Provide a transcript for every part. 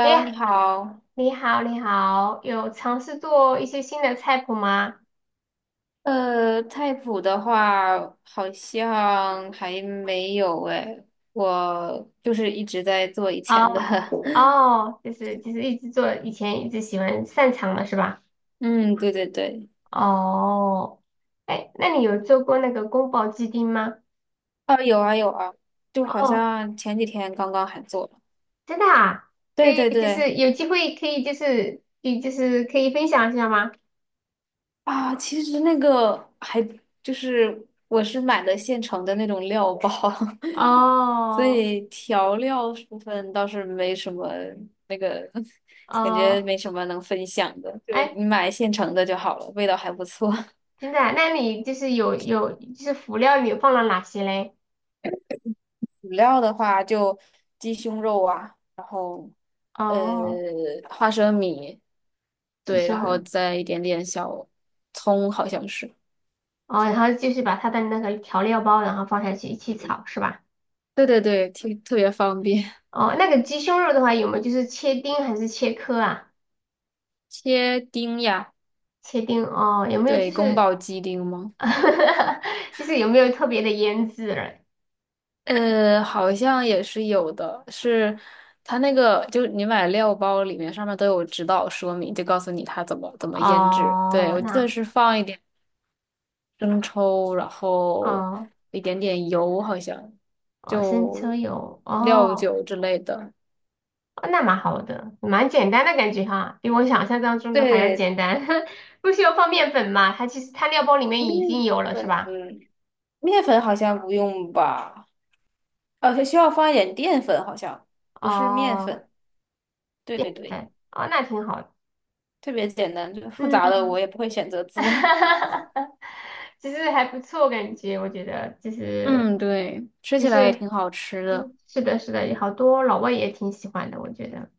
哎 呀，你好。你好，你好，有尝试做一些新的菜谱吗？菜谱的话，好像还没有诶，我就是一直在做以前的。哦，哦，就是一直做，以前一直喜欢擅长的是吧？嗯，对对对。哦，哎，那你有做过那个宫保鸡丁吗？啊，有啊有啊，就好哦，像前几天刚刚还做了。真的啊，可对以，对就对。是有机会可以，就是可以分享一下吗？啊，其实那个还就是我是买的现成的那种料包，所哦，以调料部分倒是没什么那个，感觉哦，没什么能分享的，就哎，你买现成的就好了，味道还不错。真的啊那你就是有就是辅料你放了哪些嘞？辅料的话就鸡胸肉啊，呃，哦，花生米，鸡对，然胸后肉。再一点点小葱，好像是，哦，然后就是把它的那个调料包，然后放下去一起炒，是吧？对对对，挺特别方便，哦，那个鸡胸肉的话，有没有就是切丁还是切颗啊？切丁呀，切丁哦，有没有就对，宫是 保鸡丁吗？就是有没有特别的腌制了？好像也是有的，是它那个就你买料包里面上面都有指导说明，就告诉你它怎么怎么腌制。对，哦，我记得那是放一点生抽，然后哦一点点油，好像哦，生抽就有料哦，酒之类的。哦那蛮好的，蛮简单的感觉哈，比我想象当中的还要对，简单，不需要放面粉嘛？它其实它料包里面已经面有了，是粉，吧？面粉好像不用吧？哦，需要放一点淀粉，好像不是面哦，粉。对淀对对，粉哦，那挺好的，特别简单，就是复杂的我嗯。也不会选择 哈做。哈哈其实还不错，感觉我觉得其实嗯，对，吃其起来也实挺好吃的嗯是的，是的，有好多老外也挺喜欢的，我觉得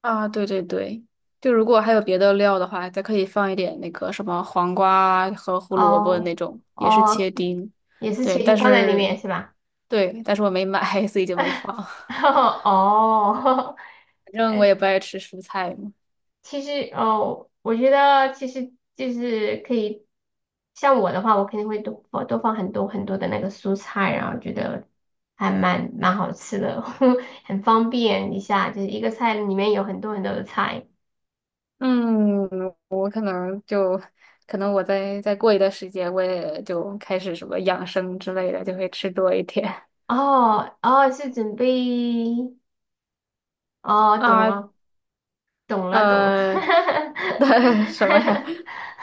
啊。对对对，就如果还有别的料的话，再可以放一点那个什么黄瓜啊和胡萝卜那哦种，也是哦，切丁。也是茄对，定但放在里面是是吧？对，但是我没买，所以就没放。反哦，正我也 不爱吃蔬菜嘛。其实哦，我觉得其实就是可以，像我的话，我肯定会多放很多很多的那个蔬菜，然后觉得还蛮好吃的，很方便一下，就是一个菜里面有很多很多的菜。嗯，我可能就可能我再过一段时间，我也就开始什么养生之类的，就会吃多一点。哦哦，是准备哦，懂啊，了懂了，呃，对什么呀？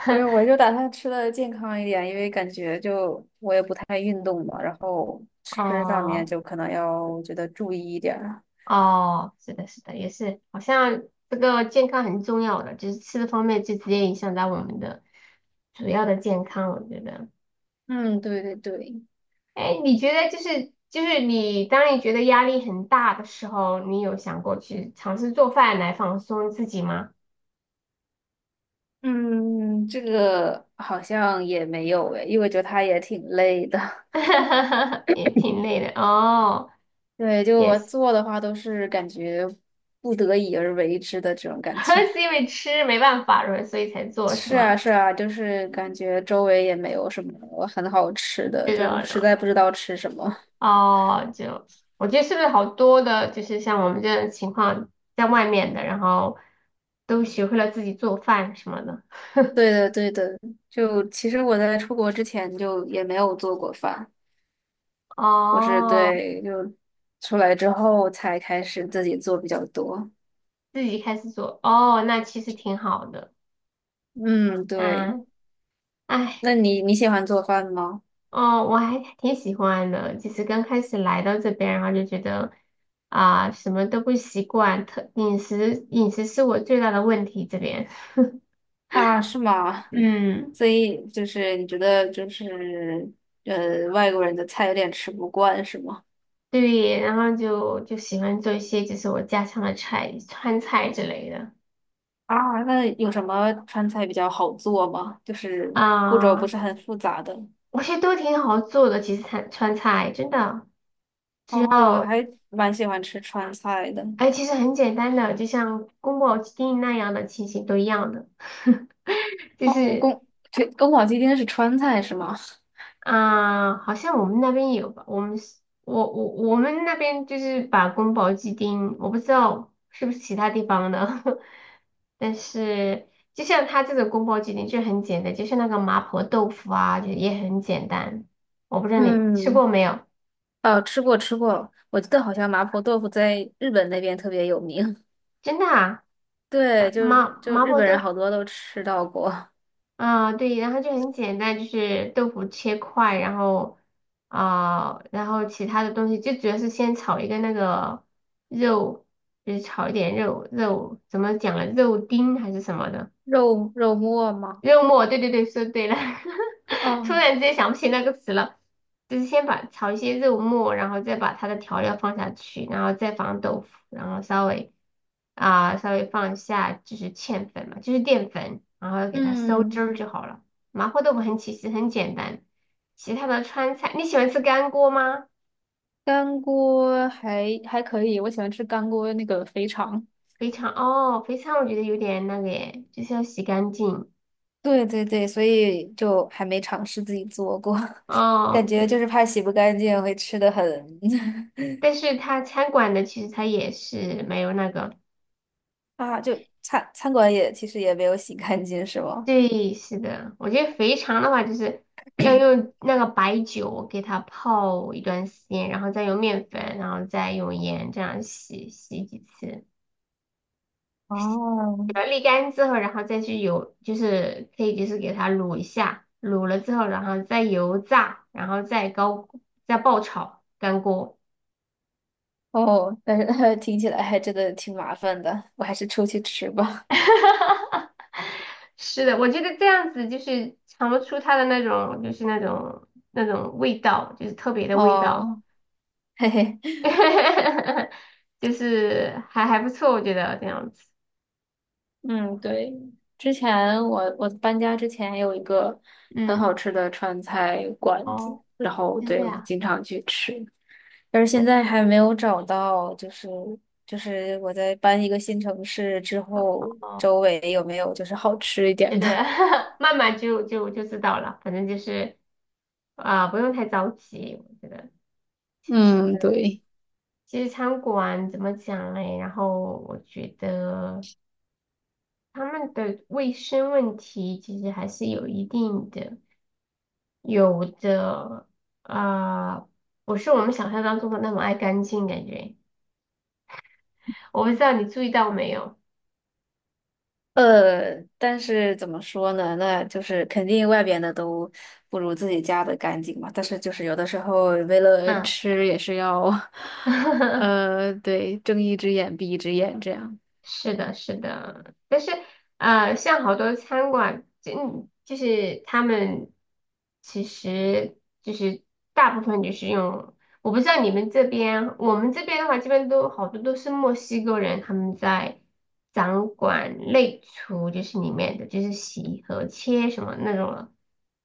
没有，我就打算吃的健康一点，因为感觉就我也不太运动嘛，然后 吃上面哦。就可能要我觉得注意一点儿哦，是的，是的，也是，好像这个健康很重要的，就是吃的方面就直接影响到我们的主要的健康，我觉得。嗯，对对对，哎，你觉得就是你当你觉得压力很大的时候，你有想过去尝试做饭来放松自己吗？嗯，这个好像也没有诶，因为我觉得他也挺累的。也挺累的哦，对，就也我是，做的话都是感觉不得已而为之的这种感觉。是因为吃没办法，所以才做是是吗？啊，是啊，就是感觉周围也没有什么很好吃的，是就实的，在不知道吃什么。哦，就我觉得是不是好多的，就是像我们这种情况，在外面的，然后都学会了自己做饭什么的。对的，对的，就其实我在出国之前就也没有做过饭，我是哦，对，就出来之后才开始自己做比较多。自己开始做，哦，那其实挺好的。嗯，对。嗯，哎，那你喜欢做饭吗？哦，我还挺喜欢的。就是刚开始来到这边，然后就觉得啊、什么都不习惯，特饮食是我最大的问题这边。啊，是吗？嗯，所以就是你觉得就是外国人的菜有点吃不惯是吗？对，然后就喜欢做一些就是我家乡的菜，川菜之类的。啊，那有什么川菜比较好做吗？就是步骤不啊、是很复杂的。我觉得都挺好做的，其实川菜真的只啊，我要，还蛮喜欢吃川菜的。哎，其实很简单的，就像宫保鸡丁那样的情形都一样的，就哦，是对，宫保鸡丁是川菜是吗？啊、好像我们那边有吧，我们是我们那边就是把宫保鸡丁，我不知道是不是其他地方的，但是就像它这种宫保鸡丁就很简单，就像那个麻婆豆腐啊，就也很简单，我不知 道你吃嗯，过没有。哦，吃过吃过，我记得好像麻婆豆腐在日本那边特别有名。真的啊，呃对，就麻就麻日婆本人豆，好多都吃到过啊，对，然后就很简单，就是豆腐切块，然后啊、然后其他的东西就主要是先炒一个那个肉，就是炒一点肉，怎么讲了，肉丁还是什么的。肉末嘛。肉默，对对对，说对了，突哦，然之间想不起那个词了。就是先把炒一些肉末，然后再把它的调料放下去，然后再放豆腐，然后稍微啊、稍微放一下就是芡粉嘛，就是淀粉，然后给它收汁嗯，儿就好了。麻婆豆腐很其实很简单，其他的川菜你喜欢吃干锅吗？干锅还可以，我喜欢吃干锅那个肥肠。肥肠哦，肥肠我觉得有点那个耶，就是要洗干净对对对，所以就还没尝试自己做过，感哦。觉对，就是怕洗不干净，会吃的很 但是它餐馆的其实它也是没有那个。啊。就餐馆也其实也没有洗干净，是吗？对，是的，我觉得肥肠的话，就是要用那个白酒给它泡一段时间，然后再用面粉，然后再用盐这样洗洗几次，哦把它沥干之后，然后再去油，就是可以就是给它卤一下，卤了之后，然后再油炸，然后再高再爆炒干锅。哦，但是 听起来还真的挺麻烦的，我还是出去吃吧。是的，我觉得这样子就是尝不出它的那种就是那种味道，就是特别的味道。哦，嘿嘿，就是还不错，我觉得这样子。嗯，对，之前我搬家之前有一个很嗯，好吃的川菜馆子，哦，然后真的对我就呀，经常去吃，但是那现在还没有找到，就是我在搬一个新城市之后，哦，周围有没有就是好吃一是点的，的？慢慢就知道了，反正就是啊、不用太着急，我觉得 其实嗯，对。其实餐馆怎么讲嘞？然后我觉得他们的卫生问题其实还是有一定的，有的啊、不是我们想象当中的那么爱干净，感觉我不知道你注意到没有。但是怎么说呢？那就是肯定外边的都不如自己家的干净嘛。但是就是有的时候为了嗯，吃也是要，对，睁一只眼闭一只眼这样。是的，是的，但是呃，像好多餐馆，嗯，就是他们其实就是大部分就是用，我不知道你们这边，我们这边的话，基本都好多都是墨西哥人，他们在掌管内厨，就是里面的就是洗和切什么那种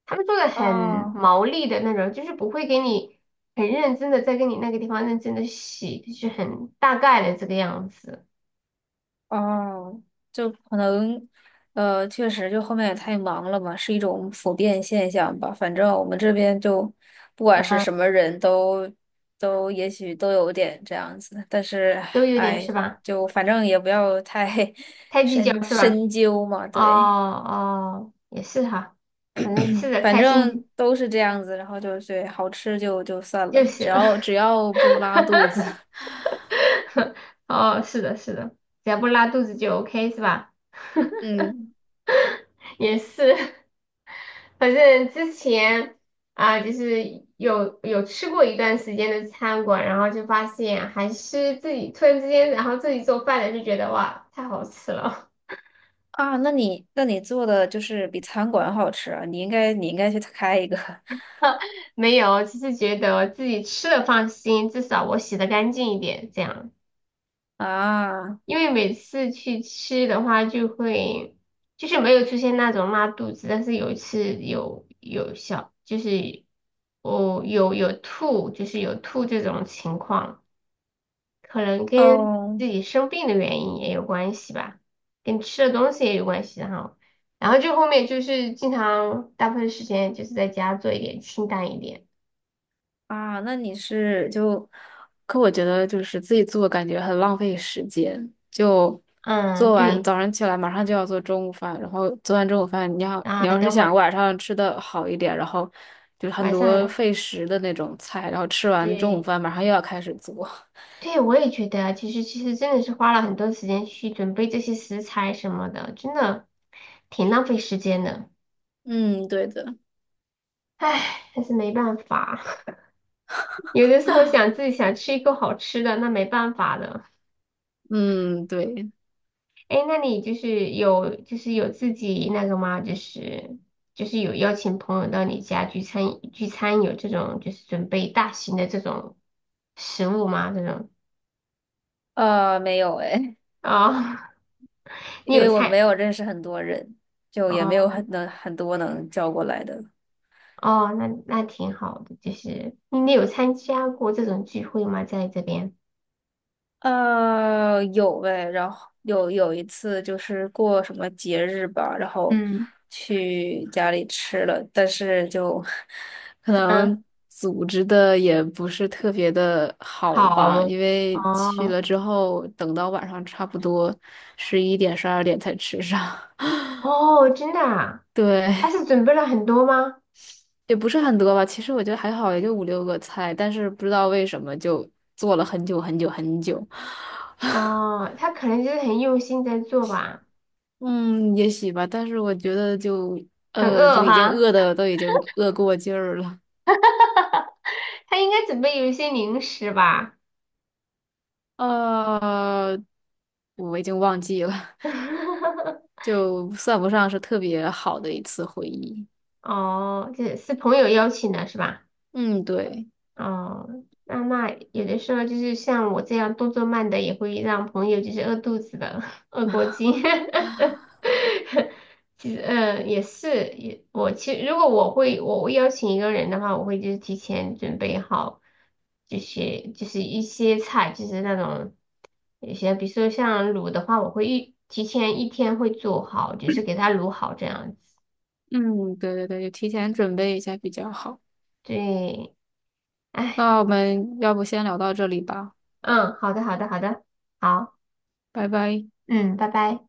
他们做的很哦。毛利的那种，就是不会给你很认真的在给你那个地方认真的洗，就是很大概的这个样子，哦，就可能，确实，就后面也太忙了嘛，是一种普遍现象吧。反正我们这边就，不管是嗯，什么人都，都也许都有点这样子。但是，都有点是哎，吧？就反正也不要太 太 计深较是吧？深究嘛。哦对，哦，也是哈，反正吃的反开心正就都是这样子。然后就是好吃就算了，就只行。要只要不拉肚子，哦，是的，是的，只要不拉肚子就 OK 是吧？嗯。也是。反正之前啊、就是有吃过一段时间的餐馆，然后就发现还是自己突然之间，然后自己做饭的就觉得哇，太好吃了。啊，那你做的就是比餐馆好吃啊，你应该去开一个 没有，只是觉得自己吃的放心，至少我洗的干净一点，这样。啊，因为每次去吃的话，就会就是没有出现那种拉肚子，但是有一次有小就是哦有吐，就是有吐这种情况。可能跟哦自己生病的原因也有关系吧，跟吃的东西也有关系哈。然后就后面就是经常大部分时间就是在家做一点清淡一点。啊，那你是就可我觉得就是自己做，感觉很浪费时间。就嗯，做完对早上起来，马上就要做中午饭，然后做完中午饭，你要啊，你要是等会想儿晚上吃的好一点，然后就是很晚上多的，费时的那种菜，然后吃完中午对饭，马上又要开始做。对，我也觉得其实真的是花了很多时间去准备这些食材什么的，真的挺浪费时间的。嗯，对的，唉，但是没办法，有的时候想自己想吃一口好吃的，那没办法的。嗯，对，哎，那你就是有就是有自己那个吗？就是有邀请朋友到你家聚餐聚餐，有这种就是准备大型的这种食物吗？这种没有哎，哦，因你有为我没菜有认识很多人，就也没有哦很多能叫过来的。哦，那那挺好的，就是你有参加过这种聚会吗？在这边，有呗，然后有一次就是过什么节日吧，然后嗯，去家里吃了，但是就 可嗯，能组织的也不是特别的好好吧，因为去哦了之后，等到晚上差不多11点、12点才吃上。哦，真的啊，对，他是准备了很多吗？也不是很多吧，其实我觉得还好，也就五六个菜，但是不知道为什么就做了很久很久很久，哦，他可能就是很用心在做吧，嗯，也许吧，但是我觉得就很饿已经哈。饿的都已经饿过劲儿了，他应该准备有一些零食吧？呃，我已经忘记了，就算不上是特别好的一次回忆，哦，这是朋友邀请的是吧？嗯，对，哦，那那有的时候就是像我这样动作慢的，也会让朋友就是饿肚子的，饿过劲。其实，嗯，也是，也我其实如果我会邀请一个人的话，我会就是提前准备好，就是一些菜，就是那种。有些比如说像卤的话，我会一提前一天会做好，就是给它卤好这样子。嗯，对对对，就提前准备一下比较好。对，哎，那我们要不先聊到这里吧，嗯，好的，好的，好的，好，拜拜。嗯，拜拜。